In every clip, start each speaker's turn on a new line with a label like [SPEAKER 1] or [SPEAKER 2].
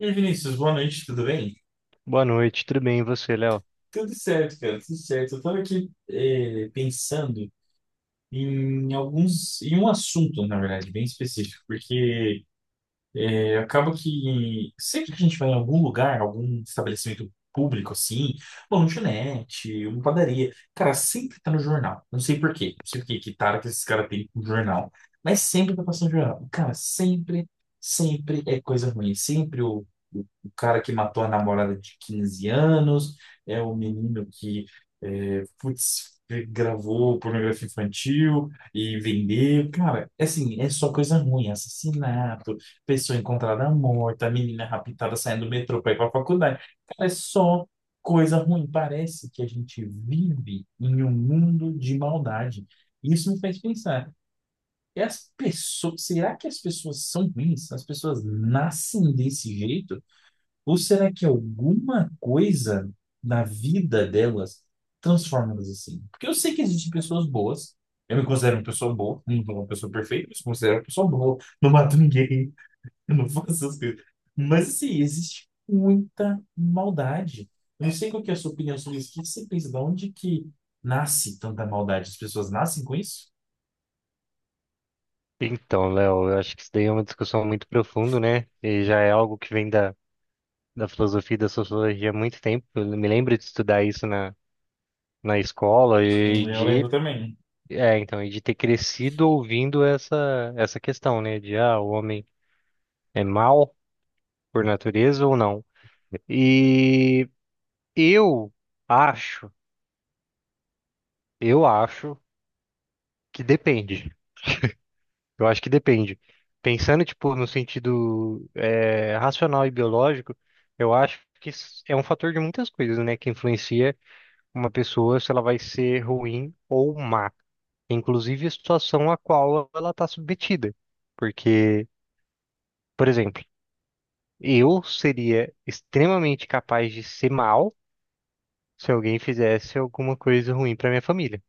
[SPEAKER 1] E aí, Vinícius, boa noite, tudo bem?
[SPEAKER 2] Boa noite, tudo bem e você, Léo?
[SPEAKER 1] Tudo certo, cara, tudo certo. Eu tava aqui, pensando em em um assunto, na verdade, bem específico. Porque acaba que sempre que a gente vai em algum lugar, algum estabelecimento público, assim, uma lanchonete, uma padaria, cara, sempre tá no jornal. Não sei por quê, não sei por quê, que tara que esses caras têm com jornal, mas sempre tá passando jornal. Cara, sempre, sempre é coisa ruim. Sempre o cara que matou a namorada de 15 anos, é o menino que, é, putz, gravou pornografia infantil e vendeu. Cara, é assim, é só coisa ruim, assassinato, pessoa encontrada morta, menina raptada saindo do metrô para ir para a faculdade. Cara, é só coisa ruim. Parece que a gente vive em um mundo de maldade. Isso me faz pensar. E as pessoas, será que as pessoas são ruins? As pessoas nascem desse jeito? Ou será que alguma coisa na vida delas transforma elas assim? Porque eu sei que existem pessoas boas. Eu me considero uma pessoa boa, não sou uma pessoa perfeita, mas me considero uma pessoa boa. Não mato ninguém, eu não faço essas coisas. Mas, assim, existe muita maldade. Eu não sei qual que é a sua opinião sobre isso. O que que você pensa? De onde que nasce tanta maldade? As pessoas nascem com isso?
[SPEAKER 2] Então, Léo, eu acho que isso daí é uma discussão muito profunda, né? E já é algo que vem da filosofia e da sociologia há muito tempo. Eu me lembro de estudar isso na escola e
[SPEAKER 1] Eu
[SPEAKER 2] de,
[SPEAKER 1] lembro também.
[SPEAKER 2] e de ter crescido ouvindo essa questão, né? De, ah, o homem é mau por natureza ou não? E eu acho, eu acho que depende. Eu acho que depende. Pensando, tipo, no sentido racional e biológico, eu acho que s- é um fator de muitas coisas, né, que influencia uma pessoa se ela vai ser ruim ou má. Inclusive a situação a qual ela está submetida. Porque, por exemplo, eu seria extremamente capaz de ser mal se alguém fizesse alguma coisa ruim para minha família,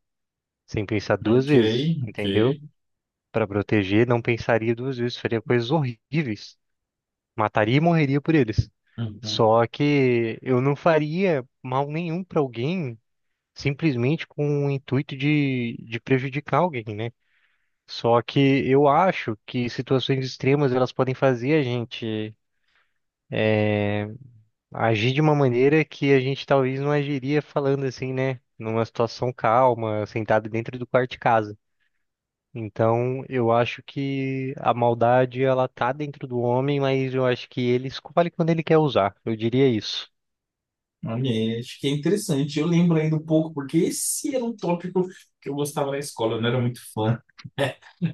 [SPEAKER 2] sem pensar duas
[SPEAKER 1] Ok,
[SPEAKER 2] vezes,
[SPEAKER 1] ok.
[SPEAKER 2] entendeu? Para proteger, não pensaria duas vezes, faria coisas horríveis. Mataria e morreria por eles.
[SPEAKER 1] Uhum.
[SPEAKER 2] Só que eu não faria mal nenhum para alguém simplesmente com o intuito de prejudicar alguém, né? Só que eu acho que situações extremas elas podem fazer a gente agir de uma maneira que a gente talvez não agiria falando assim, né? Numa situação calma, sentado dentro do quarto de casa. Então, eu acho que a maldade ela tá dentro do homem, mas eu acho que ele escolhe quando ele quer usar. Eu diria isso.
[SPEAKER 1] Olha, acho que é interessante. Eu lembro ainda um pouco, porque esse era um tópico que eu gostava na escola, eu não era muito fã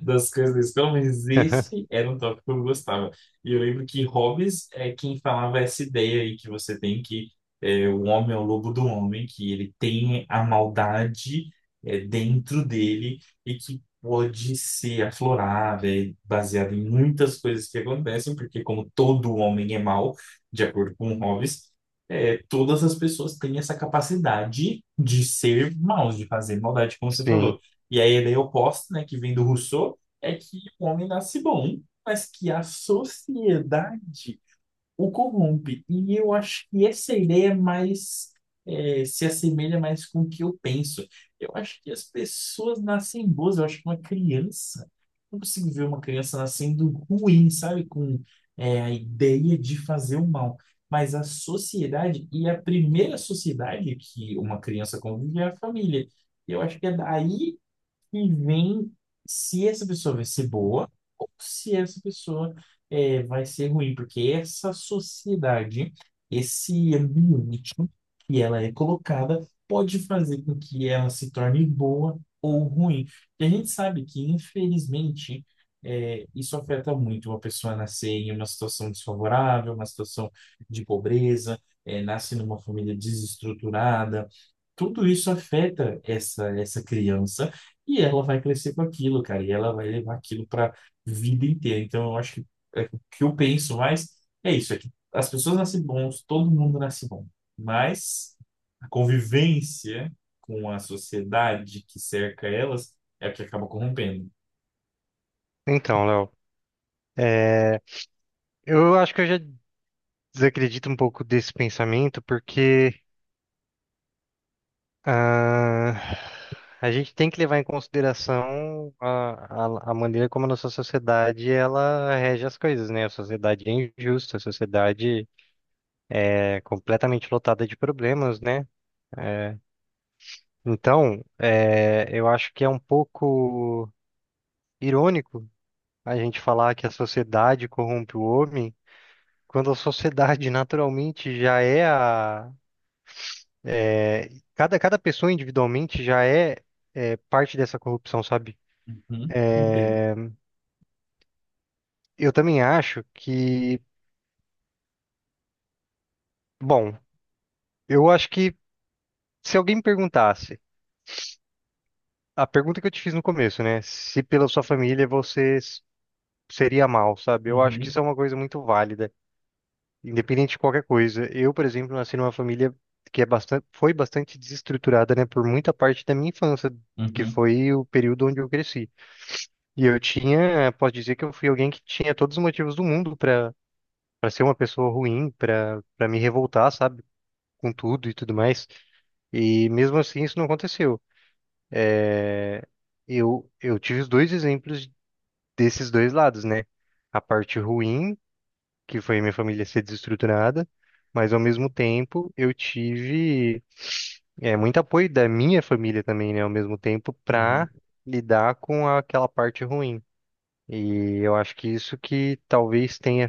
[SPEAKER 1] das coisas da escola, mas esse era um tópico que eu gostava. E eu lembro que Hobbes é quem falava essa ideia aí que você tem, que o homem é o lobo do homem, que ele tem a maldade, dentro dele, e que pode ser aflorada, é baseada em muitas coisas que acontecem, porque como todo homem é mau, de acordo com Hobbes, todas as pessoas têm essa capacidade de ser maus, de fazer maldade, como você
[SPEAKER 2] Sim.
[SPEAKER 1] falou. E aí a ideia oposta, né, que vem do Rousseau, é que o homem nasce bom, mas que a sociedade o corrompe. E eu acho que essa ideia se assemelha mais com o que eu penso. Eu acho que as pessoas nascem boas, eu acho que uma criança, eu não consigo ver uma criança nascendo ruim, sabe? Com a ideia de fazer o mal. Mas a sociedade, e a primeira sociedade que uma criança convive é a família. Eu acho que é daí e vem se essa pessoa vai ser boa ou se essa pessoa, vai ser ruim, porque essa sociedade, esse ambiente que ela é colocada, pode fazer com que ela se torne boa ou ruim. E a gente sabe que, infelizmente, isso afeta muito, uma pessoa nascer em uma situação desfavorável, uma situação de pobreza, nasce numa família desestruturada, tudo isso afeta essa criança, e ela vai crescer com aquilo, cara, e ela vai levar aquilo para vida inteira. Então eu acho que, o que eu penso mais é isso, é que as pessoas nascem bons, todo mundo nasce bom, mas a convivência com a sociedade que cerca elas é a que acaba corrompendo.
[SPEAKER 2] Então, Léo, é, eu acho que eu já desacredito um pouco desse pensamento, porque ah, a gente tem que levar em consideração a maneira como a nossa sociedade ela rege as coisas, né? A sociedade é injusta, a sociedade é completamente lotada de problemas, né? Eh, Então, eu acho que é um pouco irônico a gente falar que a sociedade corrompe o homem. Quando a sociedade naturalmente já é a. Cada pessoa individualmente já é, é parte dessa corrupção, sabe?
[SPEAKER 1] Uhum, entendo.
[SPEAKER 2] Eu também acho que. Bom, eu acho que se alguém me perguntasse, a pergunta que eu te fiz no começo, né? Se pela sua família você s- seria mal, sabe? Eu acho que isso
[SPEAKER 1] Uhum,
[SPEAKER 2] é uma coisa muito válida, independente de qualquer coisa. Eu, por exemplo, nasci numa família que é bastante, foi bastante desestruturada, né, por muita parte da minha infância, que
[SPEAKER 1] uhum,
[SPEAKER 2] foi o período onde eu cresci. E eu tinha, posso dizer que eu fui alguém que tinha todos os motivos do mundo para ser uma pessoa ruim, para me revoltar, sabe, com tudo e tudo mais. E mesmo assim isso não aconteceu. Eu tive os dois exemplos desses dois lados, né? A parte ruim que foi minha família ser desestruturada, mas ao mesmo tempo eu tive muito apoio da minha família também, né? Ao mesmo tempo
[SPEAKER 1] uhum.
[SPEAKER 2] para lidar com aquela parte ruim. E eu acho que isso que talvez tenha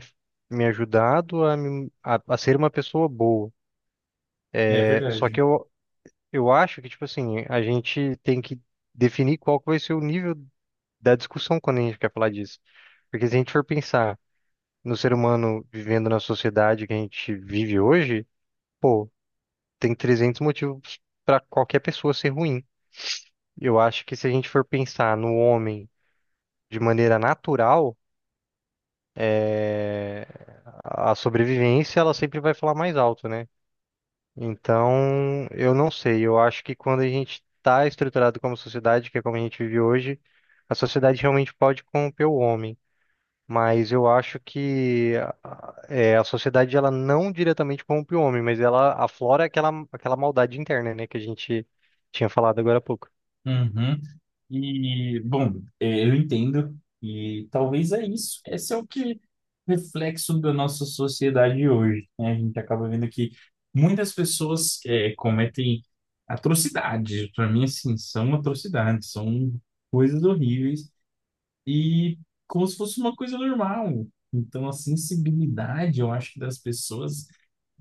[SPEAKER 2] me ajudado a, me- a ser uma pessoa boa.
[SPEAKER 1] É
[SPEAKER 2] Só
[SPEAKER 1] verdade.
[SPEAKER 2] que eu acho que, tipo assim, a gente tem que definir qual que vai ser o nível da discussão quando a gente quer falar disso. Porque se a gente for pensar no ser humano vivendo na sociedade que a gente vive hoje, pô, tem 300 motivos para qualquer pessoa ser ruim. Eu acho que se a gente for pensar no homem de maneira natural, é, a sobrevivência ela sempre vai falar mais alto, né? Então, eu não sei. Eu acho que quando a gente está estruturado como sociedade, que é como a gente vive hoje, a sociedade realmente pode corromper o homem. Mas eu acho que a sociedade ela não diretamente corrompe o homem, mas ela aflora aquela maldade interna, né, que a gente tinha falado agora há pouco.
[SPEAKER 1] Uhum. E, bom, é, eu entendo, e talvez é isso. Esse é o que reflexo da nossa sociedade hoje, né? A gente acaba vendo que muitas pessoas, cometem atrocidades. Para mim, assim, são atrocidades, são coisas horríveis, e como se fosse uma coisa normal. Então, a sensibilidade, eu acho que das pessoas,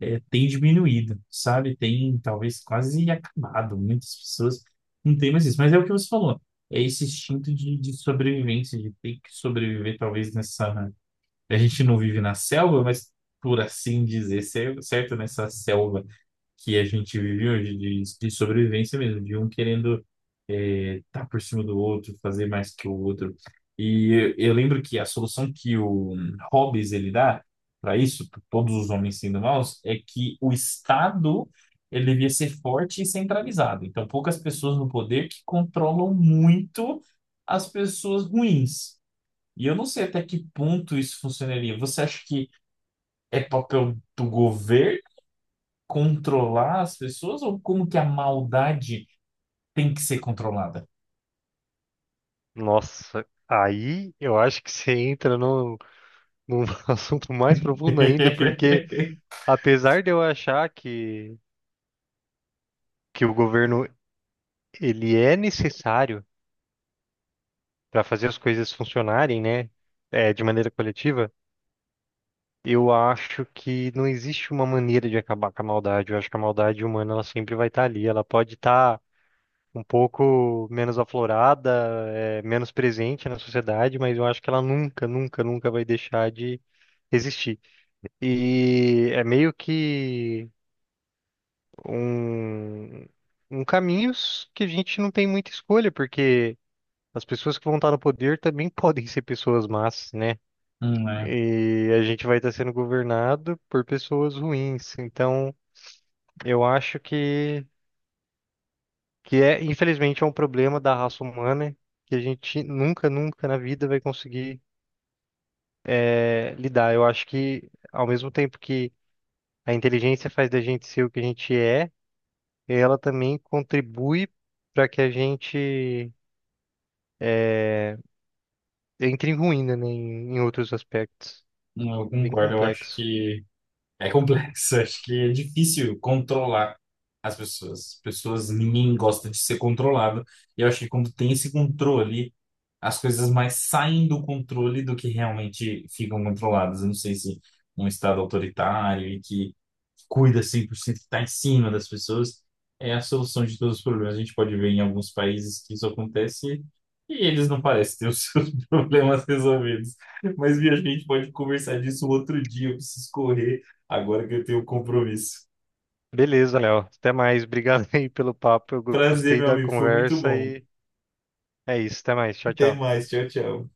[SPEAKER 1] tem diminuído, sabe? Tem talvez quase acabado. Muitas pessoas não têm mais isso. Mas é o que você falou. É esse instinto de sobrevivência, de ter que sobreviver, talvez nessa. A gente não vive na selva, mas por assim dizer, certo? Nessa selva que a gente vive hoje de sobrevivência mesmo, de um querendo, tá por cima do outro, fazer mais que o outro. E eu lembro que a solução que o Hobbes ele dá para isso, pra todos os homens sendo maus, é que o Estado ele devia ser forte e centralizado. Então, poucas pessoas no poder que controlam muito as pessoas ruins. E eu não sei até que ponto isso funcionaria. Você acha que é papel do governo controlar as pessoas, ou como que a maldade tem que ser controlada?
[SPEAKER 2] Nossa, aí eu acho que você entra num assunto mais profundo ainda, porque apesar de eu achar que o governo ele é necessário para fazer as coisas funcionarem, né, de maneira coletiva, eu acho que não existe uma maneira de acabar com a maldade. Eu acho que a maldade humana ela sempre vai estar ali. Ela pode estar um pouco menos aflorada, menos presente na sociedade, mas eu acho que ela nunca, nunca, nunca vai deixar de existir. E é meio que um, um caminho s- que a gente não tem muita escolha, porque as pessoas que vão estar no poder também podem ser pessoas más, né?
[SPEAKER 1] É.
[SPEAKER 2] E a gente vai estar sendo governado por pessoas ruins. Então, eu acho que é, infelizmente, é um problema da raça humana que a gente nunca, nunca na vida vai conseguir lidar. Eu acho que, ao mesmo tempo que a inteligência faz da gente ser o que a gente é, ela também contribui para que a gente entre em ruína, né, em outros aspectos.
[SPEAKER 1] Não, eu
[SPEAKER 2] Bem
[SPEAKER 1] concordo, eu acho
[SPEAKER 2] complexo.
[SPEAKER 1] que é complexo, acho que é difícil controlar as pessoas. Pessoas, ninguém gosta de ser controlado. E eu acho que quando tem esse controle, as coisas mais saem do controle do que realmente ficam controladas. Eu não sei se um estado autoritário e que cuida 100%, que está em cima das pessoas, é a solução de todos os problemas. A gente pode ver em alguns países que isso acontece e eles não parecem ter os seus problemas resolvidos. Mas, Bia, acho que a gente pode conversar disso outro dia. Eu preciso correr agora que eu tenho um compromisso.
[SPEAKER 2] Beleza, Léo. Até mais. Obrigado aí pelo papo. Eu
[SPEAKER 1] Prazer,
[SPEAKER 2] gostei
[SPEAKER 1] meu
[SPEAKER 2] da
[SPEAKER 1] amigo. Foi muito
[SPEAKER 2] conversa
[SPEAKER 1] bom.
[SPEAKER 2] e é isso. Até mais. Tchau,
[SPEAKER 1] Até
[SPEAKER 2] tchau.
[SPEAKER 1] mais. Tchau, tchau.